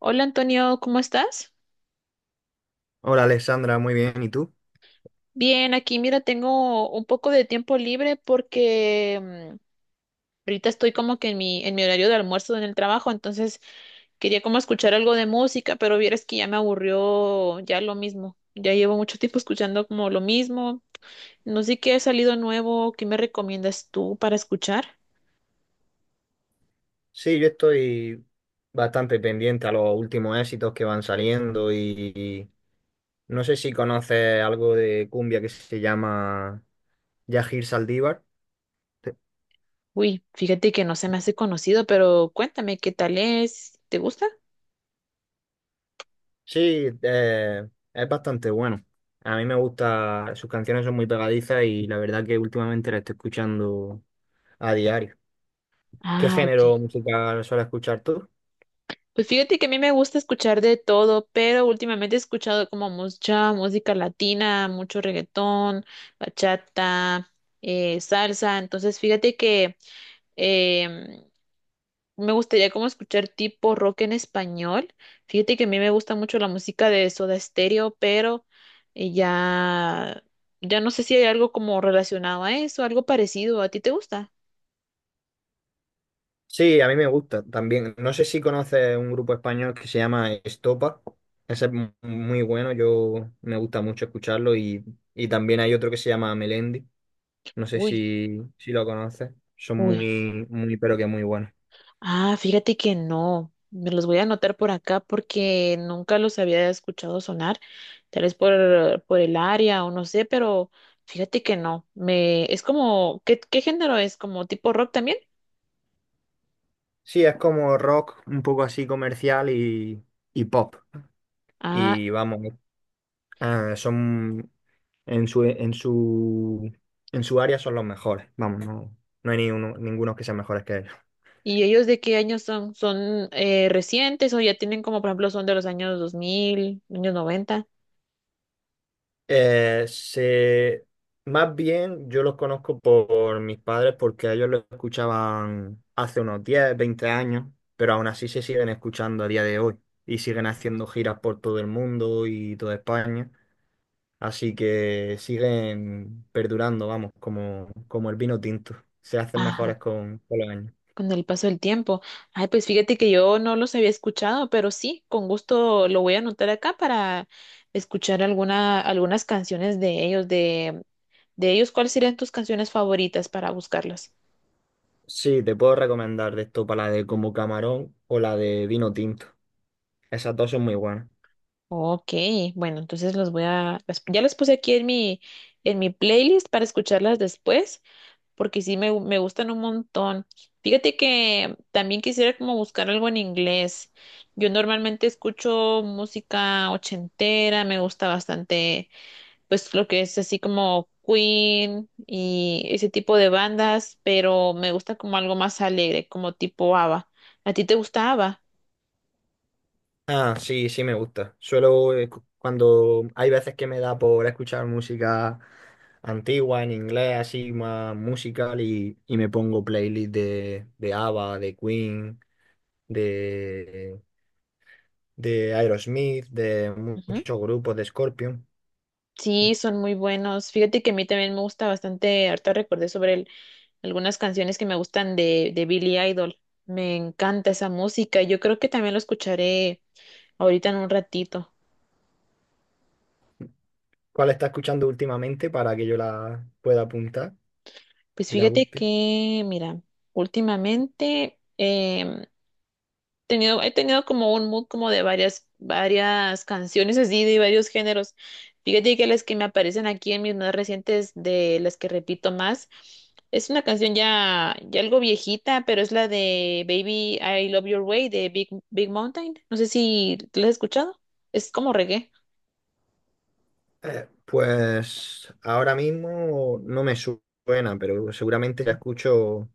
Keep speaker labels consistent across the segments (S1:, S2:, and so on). S1: Hola Antonio, ¿cómo estás?
S2: Hola Alexandra, muy bien. ¿Y tú?
S1: Bien, aquí mira, tengo un poco de tiempo libre porque mm, ahorita estoy como que en en mi horario de almuerzo en el trabajo, entonces quería como escuchar algo de música, pero vieras que ya me aburrió ya lo mismo. Ya llevo mucho tiempo escuchando como lo mismo. No sé qué ha salido nuevo, ¿qué me recomiendas tú para escuchar?
S2: Sí, yo estoy bastante pendiente a los últimos éxitos que van saliendo y no sé si conoces algo de cumbia que se llama Yajir Saldívar. Te-
S1: Uy, fíjate que no se me hace conocido, pero cuéntame qué tal es, ¿te gusta?
S2: Sí, es bastante bueno. A mí me gusta, sus canciones son muy pegadizas y la verdad que últimamente la estoy escuchando a diario. ¿Qué
S1: Ah, ok.
S2: género musical sueles escuchar tú?
S1: Pues fíjate que a mí me gusta escuchar de todo, pero últimamente he escuchado como mucha música latina, mucho reggaetón, bachata, salsa. Entonces fíjate que em, me gustaría como escuchar tipo rock en español. Fíjate que a mí me gusta mucho la música de Soda Stereo, pero eh, ya, ya no sé si hay algo como relacionado a eso, algo parecido. ¿A ti te gusta?
S2: Sí, a mí me gusta también. No sé si conoces un grupo español que se llama Estopa. Ese es muy bueno, yo me gusta mucho escucharlo y también hay otro que se llama Melendi. No sé
S1: Uy.
S2: si, si lo conoces. Son
S1: Uy.
S2: muy, muy, pero que muy buenos.
S1: Ah, fíjate que no. Me los voy a anotar por acá porque nunca los había escuchado sonar, tal vez por el área o no sé, pero fíjate que no. Me, es como, qué género es? ¿Como tipo rock también?
S2: Sí, es como rock, un poco así comercial y pop.
S1: Ah,
S2: Y vamos, ah, son en su, en su, en su área son los mejores. Vamos, no, no hay ni uno- ninguno que sean mejores que ellos.
S1: ¿y ellos de qué años son? ¿Son recientes o ya tienen como, por ejemplo, son de los años 2000, años 90?
S2: Eh, se, más bien yo los conozco por mis padres porque ellos lo escuchaban hace unos 10 20 años, pero aún así se siguen escuchando a día de hoy y siguen haciendo giras por todo el mundo y toda España. Así que siguen perdurando, vamos, como, como el vino tinto. Se hacen mejores con los años.
S1: Con el paso del tiempo. Ay, pues fíjate que yo no los había escuchado, pero sí, con gusto lo voy a anotar acá para escuchar algunas canciones de ellos, de ellos, ¿cuáles serían tus canciones favoritas para buscarlas?
S2: Sí, te puedo recomendar de esto para la de como camarón o la de vino tinto. Esas dos son muy buenas.
S1: Ok, bueno, entonces los voy a, ya las puse aquí en en mi playlist para escucharlas después. Porque sí me gustan un montón. Fíjate que también quisiera como buscar algo en inglés. Yo normalmente escucho música ochentera, me gusta bastante pues lo que es así como Queen y ese tipo de bandas, pero me gusta como algo más alegre, como tipo ABBA. ¿A ti te gusta ABBA?
S2: Ah, sí, sí me gusta. Suelo, cuando hay veces que me da por escuchar música antigua en inglés, así más musical, y me pongo playlist de ABBA, de Queen, de, de Aerosmith, de
S1: Ujú.
S2: muchos grupos, de Scorpion.
S1: Sí, son muy buenos. Fíjate que a mí también me gusta bastante, ahorita recordé sobre el algunas canciones que me gustan de Billie Idol. Me encanta esa música. Yo creo que también lo escucharé ahorita en un ratito.
S2: ¿Cuál está escuchando últimamente para que yo la pueda apuntar
S1: Pues
S2: y la
S1: fíjate
S2: busque?
S1: que, mira, últimamente he tenido como un mood como de varias canciones así, de varios géneros. Fíjate que las que me aparecen aquí en mis más recientes, de las que repito más, es una canción ya algo viejita, pero es la de Baby I Love Your Way de Big Mountain. No sé si la has escuchado. Es como reggae.
S2: Pues ahora mismo no me su- suena, pero seguramente la escucho.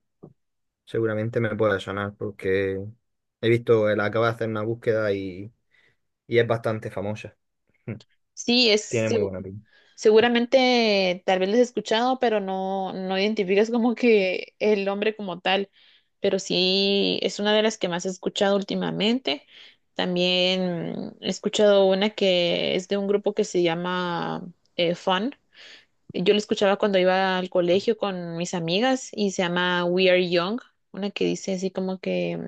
S2: Seguramente me puede sonar porque he visto, él acaba de hacer una búsqueda y es bastante famosa.
S1: Sí, es
S2: Tiene muy buena pinta.
S1: seguramente tal vez les he escuchado, pero no identificas como que el hombre como tal. Pero sí es una de las que más he escuchado últimamente. También he escuchado una que es de un grupo que se llama Fun. Yo lo escuchaba cuando iba al colegio con mis amigas y se llama We Are Young. Una que dice así como que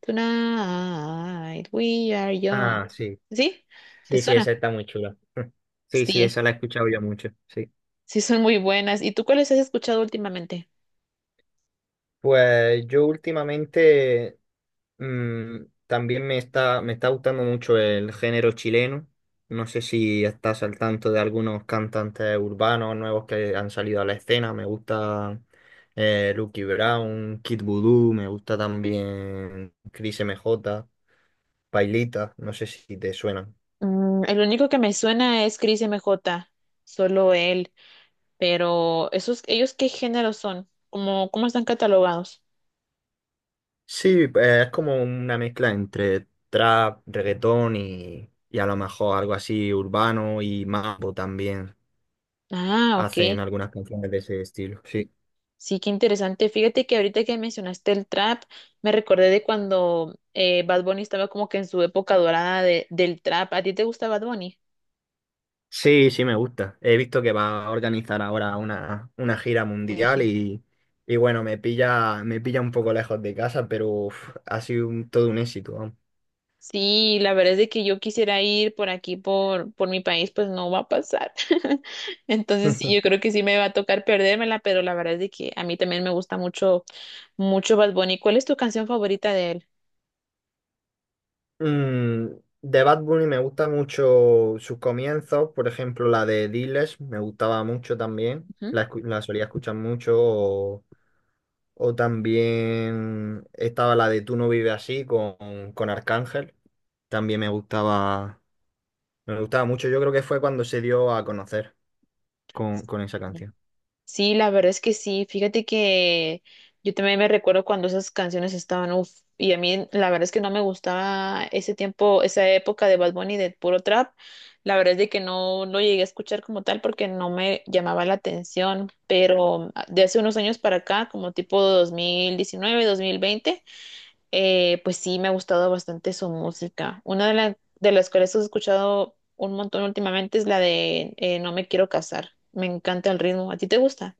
S1: tonight we are young.
S2: Ah, sí.
S1: ¿Sí? ¿Te
S2: Sí, sí,
S1: suena?
S2: esa está muy chula. Sí, sí,
S1: Sí.
S2: esa la he escuchado yo mucho. Sí.
S1: Sí, son muy buenas. ¿Y tú cuáles has escuchado últimamente?
S2: Pues yo últimamente mm, también me está gustando mucho el género chileno. No sé si estás al tanto de algunos cantantes urbanos nuevos que han salido a la escena. Me gusta Lucky Brown, Kid Voodoo, me gusta también Cris M J, Pailita, no sé si te suenan.
S1: Mm, el único que me suena es Chris M J. Solo él. Pero esos, ¿ellos qué género son? Cómo están catalogados?
S2: Sí, es como una mezcla entre trap, reggaetón y a lo mejor algo así urbano y mambo también.
S1: Ah, ok.
S2: Hacen algunas canciones de ese estilo, sí.
S1: Sí, qué interesante. Fíjate que ahorita que mencionaste el trap, me recordé de cuando Bad Bunny estaba como que en su época dorada del trap. ¿A ti te gusta Bad Bunny?
S2: Sí, sí, me gusta. He visto que va a organizar ahora una gira mundial y bueno, me pilla un poco lejos de casa, pero uf, ha sido todo un éxito, vamos.
S1: Sí, la verdad es de que yo quisiera ir por aquí, por mi país, pues no va a pasar. Entonces sí, yo creo que sí me va a tocar perdérmela, pero la verdad es de que a mí también me gusta mucho Bad Bunny. ¿Cuál es tu canción favorita de él?
S2: Mm, de Bad Bunny me gusta mucho sus comienzos, por ejemplo, la de Diles me gustaba mucho también, la solía escuchar mucho, o también estaba la de Tú no vives así con Arcángel, también me gustaba mucho, yo creo que fue cuando se dio a conocer con esa
S1: Ujú.
S2: canción.
S1: Sí, la verdad es que sí. Fíjate que yo también me recuerdo cuando esas canciones estaban, uff, y a mí la verdad es que no me gustaba ese tiempo, esa época de Bad Bunny de puro trap. La verdad es de que no lo llegué a escuchar como tal porque no me llamaba la atención, pero ah, de hace unos años para acá, como tipo 2019, 2020, pues sí me ha gustado bastante su música. Una de las cuales he escuchado un montón últimamente es la de No me quiero casar. Me encanta el ritmo. ¿A ti te gusta?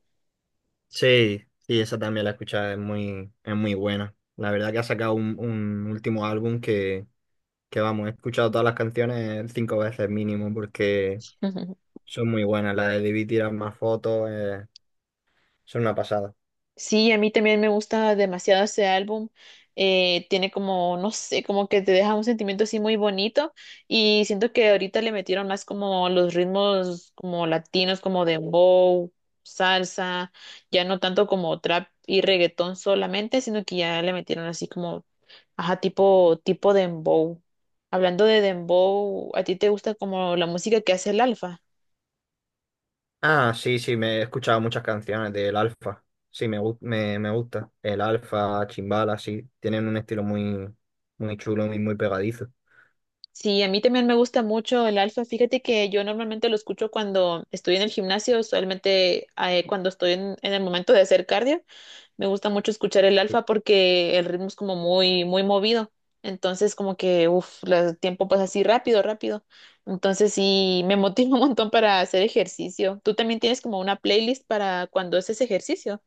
S2: Sí, sí, esa también la he escuchado, es muy buena. La verdad que ha sacado un último álbum que vamos, he escuchado todas las canciones 5 veces mínimo porque son muy buenas. La de Debí tirar más fotos, son una pasada.
S1: Sí, a mí también me gusta demasiado ese álbum. Tiene como, no sé, como que te deja un sentimiento así muy bonito y siento que ahorita le metieron más como los ritmos como latinos, como dembow, salsa, ya no tanto como trap y reggaetón solamente, sino que ya le metieron así como, ajá, tipo dembow. Hablando de dembow, ¿a ti te gusta como la música que hace el Alfa?
S2: Ah, sí, sí, me he escuchado muchas canciones del Alfa. Sí, me gusta. El Alfa, Chimbala, sí, tienen un estilo muy, muy chulo y muy pegadizo.
S1: Sí, a mí también me gusta mucho el alfa. Fíjate que yo normalmente lo escucho cuando estoy en el gimnasio, usualmente cuando estoy en el momento de hacer cardio, me gusta mucho escuchar el alfa porque el ritmo es como muy movido. Entonces, como que, uff, el tiempo pasa así rápido. Entonces, sí, me motiva un montón para hacer ejercicio. ¿Tú también tienes como una playlist para cuando haces ejercicio?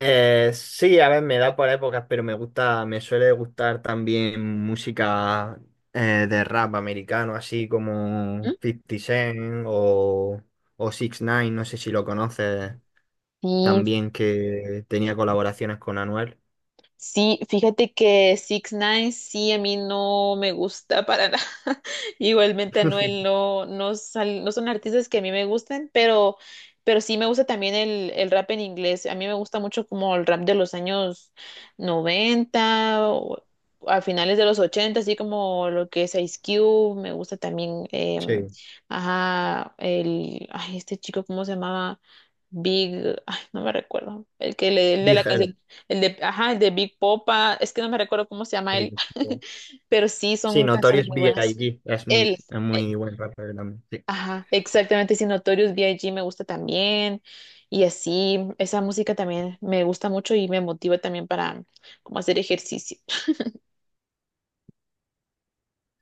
S2: Sí, a ver, me da por épocas, pero me gusta, me suele gustar también música de rap americano, así como
S1: ¿Mm?
S2: 50 Cent o 6 ix no sé si lo conoces
S1: Sí,
S2: también, que tenía colaboraciones con Anuel.
S1: sí, fíjate que Six Nine sí a mí no me gusta para nada. Igualmente Anuel no, no son artistas que a mí me gusten, pero sí me gusta también el rap en inglés. A mí me gusta mucho como el rap de los años 90 o a finales de los 80 así como lo que es Ice Cube. Me gusta también,
S2: Sí,
S1: ajá, el, ay, este chico, ¿cómo se llamaba? Big, ay, no me recuerdo, el que le, el de la
S2: Big L.
S1: canción el de, ajá, el de Big Popa, es que no me recuerdo cómo se llama
S2: Sí,
S1: él, pero sí
S2: sí,
S1: son canciones
S2: Notorious
S1: muy buenas.
S2: B.I.G.
S1: Él,
S2: Es
S1: eh,
S2: muy buen rapper también. Sí,
S1: ajá, exactamente, sí, Notorious B I G me gusta también, y así, esa música también me gusta mucho y me motiva también para como hacer ejercicio.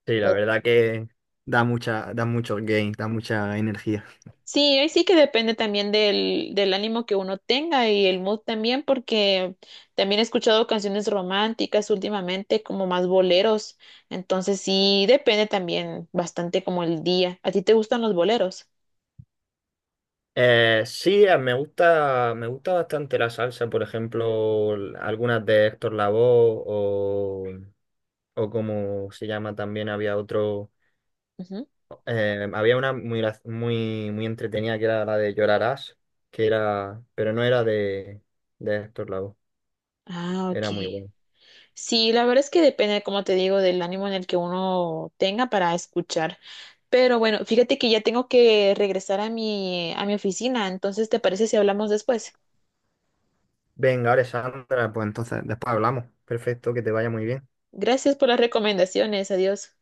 S2: sí, la verdad que da mucho gain, da mucha energía.
S1: Sí, ahí sí que depende también del ánimo que uno tenga y el mood también, porque también he escuchado canciones románticas últimamente, como más boleros. Entonces sí, depende también bastante como el día. ¿A ti te gustan los boleros?
S2: Sí, me gusta bastante la salsa, por ejemplo, algunas de Héctor Lavoe o como se llama también, había otro,
S1: Ujú.
S2: había una muy, muy, muy entretenida que era la de Llorarás, que era, pero no era de Héctor Lavoe,
S1: Ah, ok.
S2: era muy bueno.
S1: Sí, la verdad es que depende, como te digo, del ánimo en el que uno tenga para escuchar. Pero bueno, fíjate que ya tengo que regresar a a mi oficina, entonces ¿te parece si hablamos después?
S2: Venga, Alessandra, pues entonces después hablamos. Perfecto, que te vaya muy bien.
S1: Gracias por las recomendaciones. Adiós.